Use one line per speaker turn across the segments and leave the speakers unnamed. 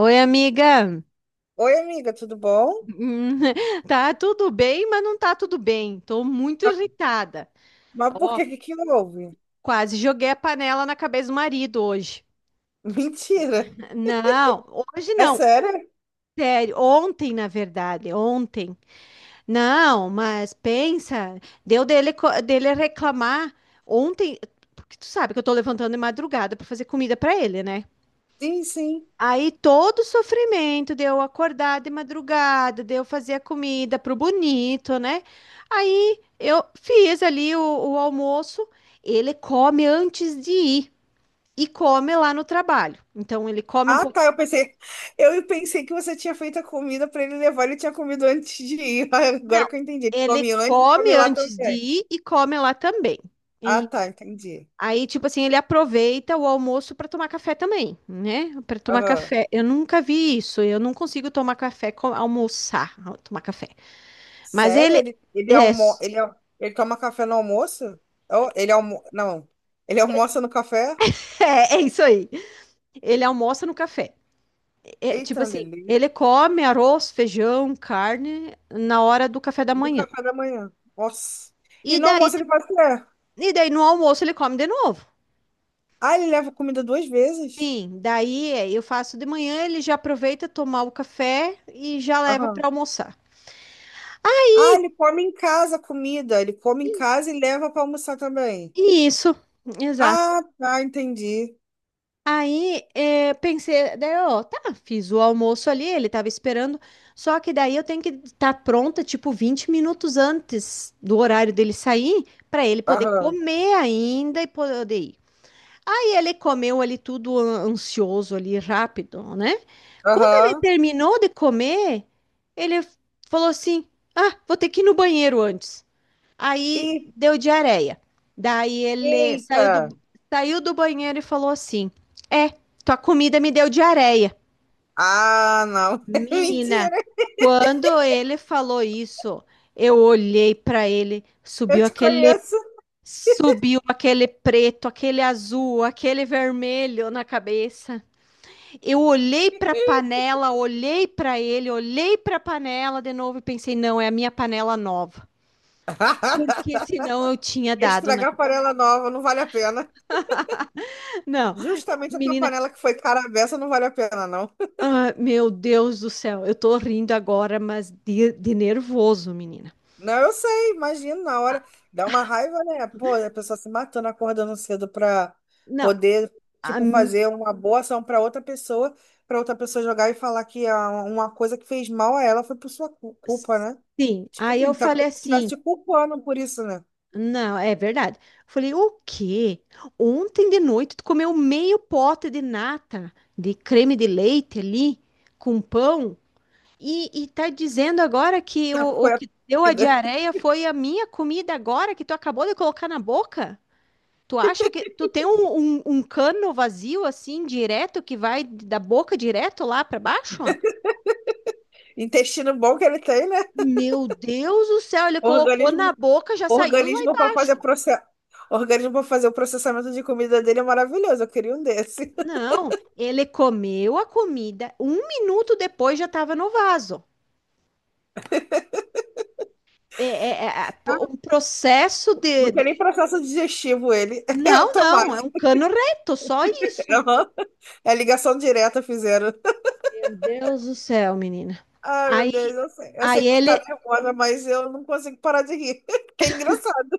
Oi, amiga.
Oi, amiga, tudo bom?
Hum, Tá tudo bem, mas não tá tudo bem. Tô muito
Ah,
irritada.
mas por
Ó,
que houve?
quase joguei a panela na cabeça do marido hoje.
Mentira.
Não, hoje
É
não.
sério?
Sério, ontem, na verdade, ontem. Não, mas pensa, deu dele reclamar ontem, porque tu sabe que eu tô levantando de madrugada pra fazer comida pra ele, né?
Sim, sim.
Aí todo o sofrimento de eu acordar de madrugada, de eu fazer a comida pro bonito, né? Aí eu fiz ali o almoço, ele come antes de ir e come lá no trabalho. Então ele come um
Ah, tá,
pouquinho.
eu pensei que você tinha feito a comida para ele levar, ele tinha comido antes de ir.
Não,
Agora que eu entendi. Ele
ele
come antes e
come
come lá
antes de
também.
ir e come lá também.
Ah,
E
tá, entendi.
aí, tipo assim, ele aproveita o almoço para tomar café também, né? Para tomar
Aham.
café. Eu nunca vi isso. Eu não consigo tomar café, almoçar, tomar café. Mas
Sério?
ele. É,
Ele toma café no almoço? Oh, não. Ele almoça no café?
é isso aí. Ele almoça no café. É, tipo
Eita,
assim,
Lili.
ele come arroz, feijão, carne na hora do café da
No
manhã.
café da manhã. Nossa.
E
E no
daí,
almoço ele faz o quê?
e daí no almoço ele come de novo.
Ah, ele leva comida duas vezes?
Sim, daí é, eu faço de manhã, ele já aproveita tomar o café e já leva
Aham.
para almoçar.
Ah, ele come em casa a comida. Ele come em casa e leva para almoçar também.
E isso, exato.
Ah, tá, entendi.
Aí, pensei, daí, ó, tá, fiz o almoço ali, ele tava esperando, só que daí eu tenho que estar pronta, tipo, 20 minutos antes do horário dele sair, pra ele poder
Aham.
comer ainda e poder ir. Aí ele comeu ali tudo ansioso ali, rápido, né? Quando ele
Aham.
terminou de comer, ele falou assim: Ah, vou ter que ir no banheiro antes. Aí
E,
deu diarreia. Daí ele saiu do,
eita!
saiu do banheiro e falou assim: É, tua comida me deu diarreia.
Ah, não.
Menina,
Mentira,
quando ele falou isso, eu olhei pra ele,
eu te conheço.
subiu aquele preto, aquele azul, aquele vermelho na cabeça. Eu olhei pra panela, olhei pra ele, olhei pra panela de novo e pensei: Não, é a minha panela nova. Porque senão eu tinha dado na.
Estragar panela nova não vale a pena.
Não,
Justamente a tua
menina,
panela que foi cara à beça não vale a pena, não.
ah, meu Deus do céu, eu tô rindo agora, mas de nervoso, menina.
Não, eu sei, imagino na hora. Dá uma raiva, né? Pô, a pessoa se matando, acordando cedo pra
Não,
poder,
a
tipo,
mi-
fazer uma boa ação pra outra pessoa jogar e falar que uma coisa que fez mal a ela foi por sua culpa, né?
sim,
Tipo
aí eu
assim, tá
falei
como se estivesse
assim,
te culpando por isso, né?
não, é verdade. Falei, o quê? Ontem de noite tu comeu meio pote de nata, de creme de leite ali, com pão, e tá dizendo agora que
Que
o
foi a
que deu a
vida.
diarreia foi a minha comida agora que tu acabou de colocar na boca? Tu acha que tu tem um cano vazio assim, direto, que vai da boca direto lá para baixo?
Intestino bom que ele tem, né?
Meu Deus do céu, ele colocou na
Organismo,
boca, já saiu lá
organismo para fazer
embaixo.
processo. Organismo para fazer o processamento de comida dele é maravilhoso. Eu queria um desse.
Não, ele comeu a comida, 1 minuto depois já estava no vaso. É, é um processo
Não
de,
tem nem
de-
processo digestivo ele. É
Não, não, é
automático.
um cano reto, só isso.
Aham. É ligação direta fizeram.
Meu Deus do céu, menina.
Ai, meu
Aí,
Deus, eu sei
aí
que tu tá
ele,
nervosa, mas eu não consigo parar de rir. Que é engraçado.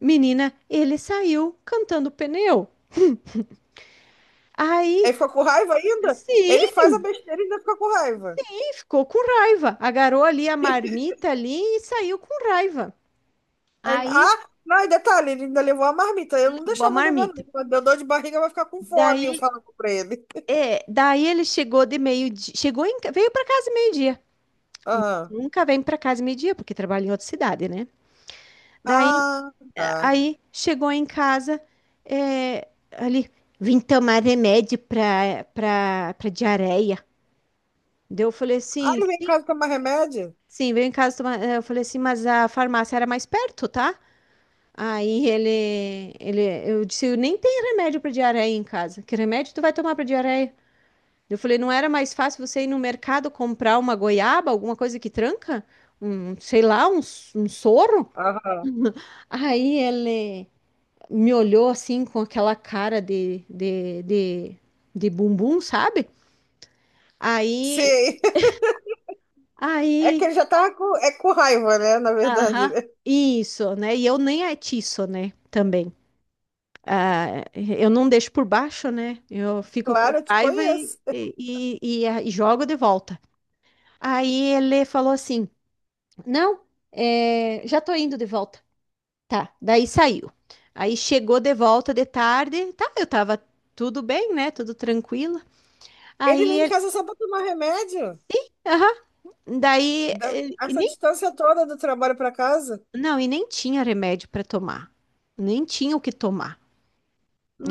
menina, ele saiu cantando pneu.
Aí
Aí,
ficou com raiva ainda?
sim.
Ele faz a besteira e ainda fica com raiva.
E ficou com raiva. Agarrou ali a marmita ali e saiu com raiva. Aí,
Ah, não, e detalhe, ele ainda levou a marmita. Eu não
acabou a
deixava levar,
marmita.
não. Quando deu dor de barriga, vai ficar com fome, eu
Daí,
falava pra ele.
daí ele chegou de meio-dia, veio para casa meio-dia.
Aham.
Nunca vem para casa meio-dia porque trabalha em outra cidade, né? Daí,
Ah,
é,
tá.
aí chegou em casa, é, ali, vim tomar remédio para diarreia. Daí eu falei
Ah,
assim,
ele vem em
sim,
casa tomar remédio?
sim, veio em casa tomar, eu falei assim, mas a farmácia era mais perto, tá? Aí eu disse, nem tem remédio para diarreia em casa. Que remédio tu vai tomar para diarreia? Eu falei, não era mais fácil você ir no mercado comprar uma goiaba, alguma coisa que tranca? Um, sei lá, um soro?
Aham.
Aí ele me olhou assim com aquela cara de bumbum, sabe? Aí,
Sim. É que
aí,
ele já tava com, é com raiva, né? Na verdade.
aham,
Né?
isso, né? E eu nem atiço, né? Também. Ah, eu não deixo por baixo, né? Eu fico com
Claro, eu te
raiva
conheço.
e jogo de volta. Aí ele falou assim: Não, é, já tô indo de volta. Tá, daí saiu. Aí chegou de volta de tarde, tá? Eu tava tudo bem, né? Tudo tranquilo.
Ele vem
Aí
em
ele,
casa só para tomar remédio?
aham, daí, ele- e
Essa
nem,
distância toda do trabalho para casa?
não, e nem tinha remédio para tomar, nem tinha o que tomar.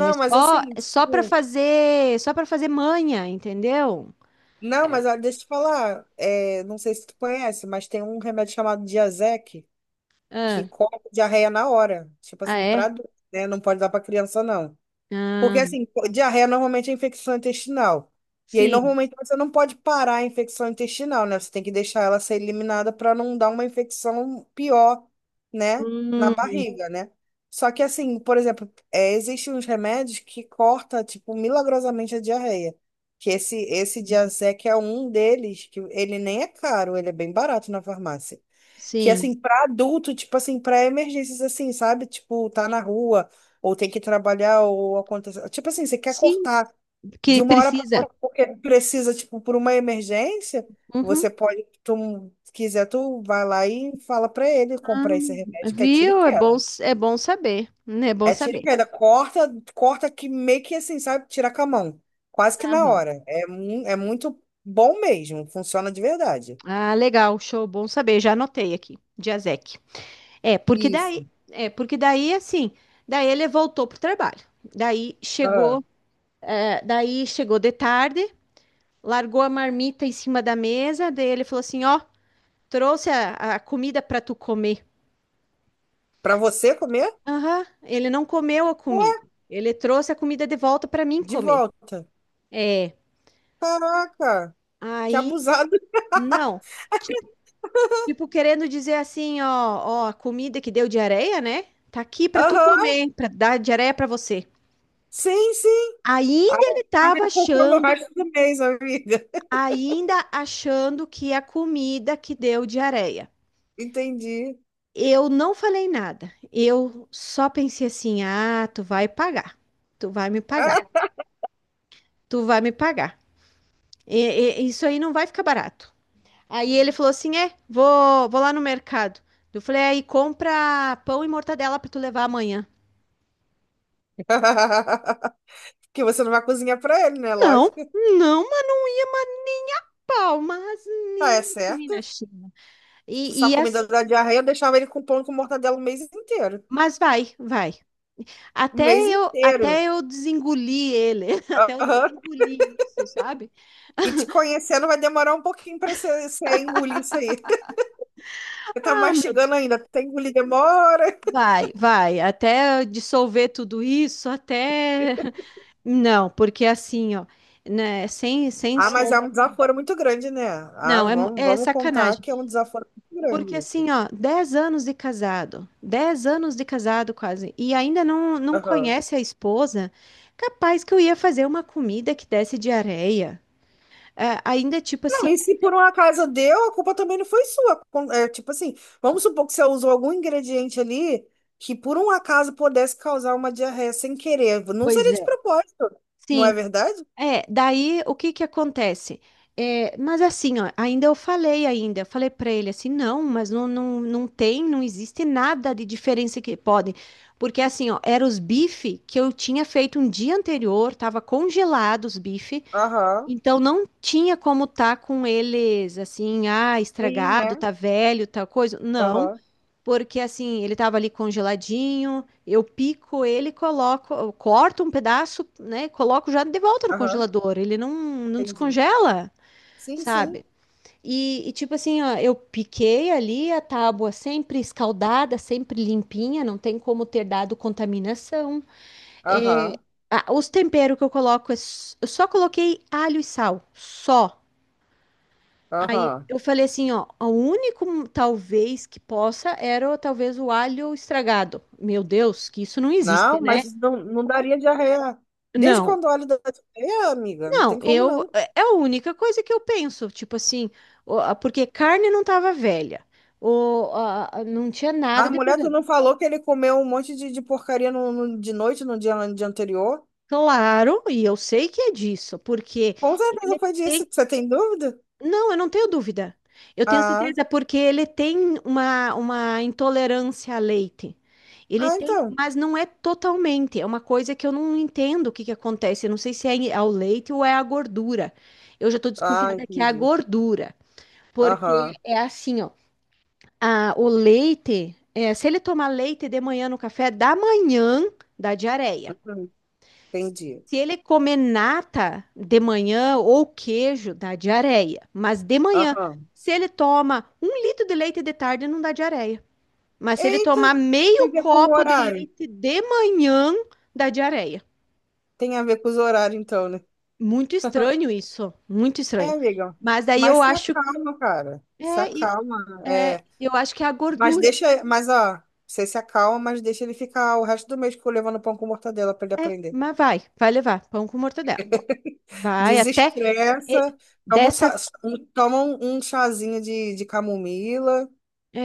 mas assim,
É
tipo,
só para fazer manha, entendeu?
não, mas ó, deixa eu te falar, é, não sei se tu conhece, mas tem um remédio chamado Diazec que
Ah,
corta diarreia na hora. Tipo
ah,
assim, pra,
é?
adulto, né? Não pode dar pra criança, não. Porque,
Ah,
assim, diarreia normalmente é infecção intestinal. E aí,
sim.
normalmente, você não pode parar a infecção intestinal, né? Você tem que deixar ela ser eliminada para não dar uma infecção pior, né? Na
Hum,
barriga, né? Só que, assim, por exemplo, é, existem uns remédios que corta, tipo, milagrosamente a diarreia. Que esse Diazec é um deles, que ele nem é caro, ele é bem barato na farmácia. Que
sim.
assim, pra adulto, tipo assim, pra emergências assim, sabe? Tipo, tá na rua, ou tem que trabalhar, ou acontece. Tipo assim, você quer
Sim,
cortar de
que
uma hora pra
precisa.
outra, porque precisa, tipo, por uma emergência, você
Uhum.
pode, tu se quiser, tu vai lá e fala pra ele
Ah,
comprar esse remédio, que é tiro e
viu? É bom,
queda.
é bom saber, né? É bom
É tiro e
saber.
queda, corta, corta que meio que assim, sabe? Tira com a mão. Quase que na
Aham.
hora. É, é muito bom mesmo, funciona de verdade.
Ah, legal, show, bom saber. Já anotei aqui, Diazec. É, porque daí,
Isso.
é, porque daí assim, daí ele voltou pro trabalho. Daí
Ah.
chegou de tarde, largou a marmita em cima da mesa, daí ele falou assim, ó, trouxe a comida para tu comer.
Pra você comer?
Aham, ele não comeu a comida. Ele trouxe a comida de volta para mim
De
comer.
volta.
É.
Caraca, que
Aí,
abusado.
não. Tipo, tipo, querendo dizer assim, ó, a comida que deu diarreia, né? Tá aqui para tu
Aham,
comer, para dar diarreia para você.
sim, sim. Ah,
Ainda ele
tá
tava
me poupando o
achando,
resto do mês, amiga.
ainda achando que a comida que deu diarreia.
Entendi.
Eu não falei nada. Eu só pensei assim: "Ah, tu vai pagar. Tu vai me pagar.
Ah.
Tu vai me pagar. E- isso aí não vai ficar barato." Aí ele falou assim: é, vou lá no mercado. Eu falei: aí compra pão e mortadela pra tu levar amanhã.
Porque você não vai cozinhar pra ele, né?
Não,
Lógico.
não, mas não ia, mas nem a pau, mas
Ah, é
nem que nem
certo.
na China.
Se
E,
sua
e as-
comida da diarreia, eu deixava ele com pão com mortadela o mês inteiro.
mas vai, vai.
O
Até
mês
eu,
inteiro.
até eu desengoli ele, até eu
Aham.
desengoli isso, sabe?
E te conhecendo vai demorar um pouquinho pra você engolir isso aí. Você tá
Ah, meu Deus.
mastigando ainda. Até engolir demora.
Vai, vai, até eu dissolver tudo isso, até. Não, porque assim, ó, né, sem
Ah, mas é
som.
um desaforo muito grande, né? Ah,
Não, é, é
vamos contar
sacanagem.
que é um desaforo muito
Porque
grande.
assim,
Isso.
ó, 10 anos de casado, 10 anos de casado quase, e ainda não
Aham.
conhece a esposa, capaz que eu ia fazer uma comida que desse diarreia. É, ainda tipo
Não,
assim,
e se por um acaso deu, a culpa também não foi sua. É, tipo assim, vamos supor que você usou algum ingrediente ali que por um acaso pudesse causar uma diarreia sem querer. Não
pois
seria de
é.
propósito, não
Sim,
é verdade?
é, daí o que que acontece? É, mas assim, ó, eu falei pra ele assim, não tem, não existe nada de diferença que pode, porque assim, ó, eram os bife que eu tinha feito um dia anterior, tava congelados os bife.
Aham.
Então não tinha como tá com eles assim, ah,
Ruim,
estragado,
né?
tá velho, tal coisa. Não,
Aham.
porque assim, ele tava ali congeladinho, eu pico ele, coloco, eu corto um pedaço, né, coloco já de volta no
Aham.
congelador. Ele não
Entendi.
descongela,
Sim, sim.
sabe? Tipo assim, ó, eu piquei ali a tábua sempre escaldada, sempre limpinha, não tem como ter dado contaminação.
Aham.
Ah, os temperos que eu coloco, eu só coloquei alho e sal, só. Aí
Aham.
eu falei assim, ó, o único talvez que possa era talvez o alho estragado. Meu Deus, que isso não existe,
Não,
né?
mas não daria diarreia. Desde
Não,
quando olha da diarreia, amiga, não
não,
tem como
eu
não.
é é a única coisa que eu penso, tipo assim, porque carne não tava velha, não tinha nada
Mas
de
mulher, tu
problema.
não falou que ele comeu um monte de porcaria de noite, no dia anterior?
Claro, e eu sei que é disso, porque
Com
ele
certeza
é
foi disso. Você tem dúvida?
não, eu não tenho dúvida. Eu tenho
Ah,
certeza porque ele tem uma intolerância a leite. Ele
ah,
tem,
então.
mas não é totalmente. É uma coisa que eu não entendo o que que acontece. Eu não sei se é ao leite ou é a gordura. Eu já estou
Ah,
desconfiada que é a
entendi.
gordura, porque
Aham.
é assim, ó. O leite, é, se ele tomar leite de manhã no café da manhã, dá diarreia.
Uhum, entendi.
Se ele comer nata de manhã ou queijo, dá diarreia. Mas de manhã,
Aham.
se ele toma 1 litro de leite de tarde, não dá diarreia. Mas se ele tomar
Eita, tem
meio
a ver com o
copo de
horário.
leite de manhã, dá diarreia.
Tem a ver com os horários, então, né?
Muito estranho isso, muito
É,
estranho.
amiga.
Mas daí
Mas
eu
se
acho,
acalma, cara. Se
é, e-
acalma.
é,
É.
eu acho que é a
Mas
gordura.
deixa. Mas, ó, você se acalma, mas deixa ele ficar o resto do mês tipo, levando pão com mortadela pra ele
É,
aprender.
mas vai, vai levar pão com mortadela. Vai até e-
Desestressa, toma
dessa,
toma um chazinho de camomila,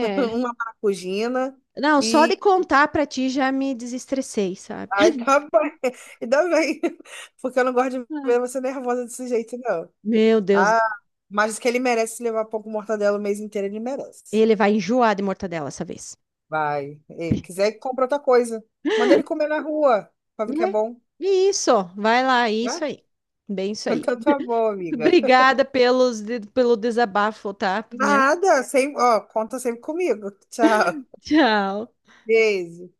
uma maracujina
não, só de
e.
contar pra ti já me desestressei, sabe?
Ai, tá bem. Ainda bem, porque eu não gosto de ver você nervosa desse jeito, não.
Meu Deus,
Ah, mas que ele merece levar pão com mortadela o mês inteiro, ele merece.
ele vai enjoar de mortadela essa vez.
Vai. E quiser, compra outra coisa. Manda ele comer na rua, pra ver que é
Né?
bom,
Isso, vai lá, isso
né?
aí. Bem isso aí.
Então tá bom, amiga.
Obrigada pelo desabafo, tá? Minha.
Nada, sem, ó, conta sempre comigo. Tchau.
Tchau.
Beijo.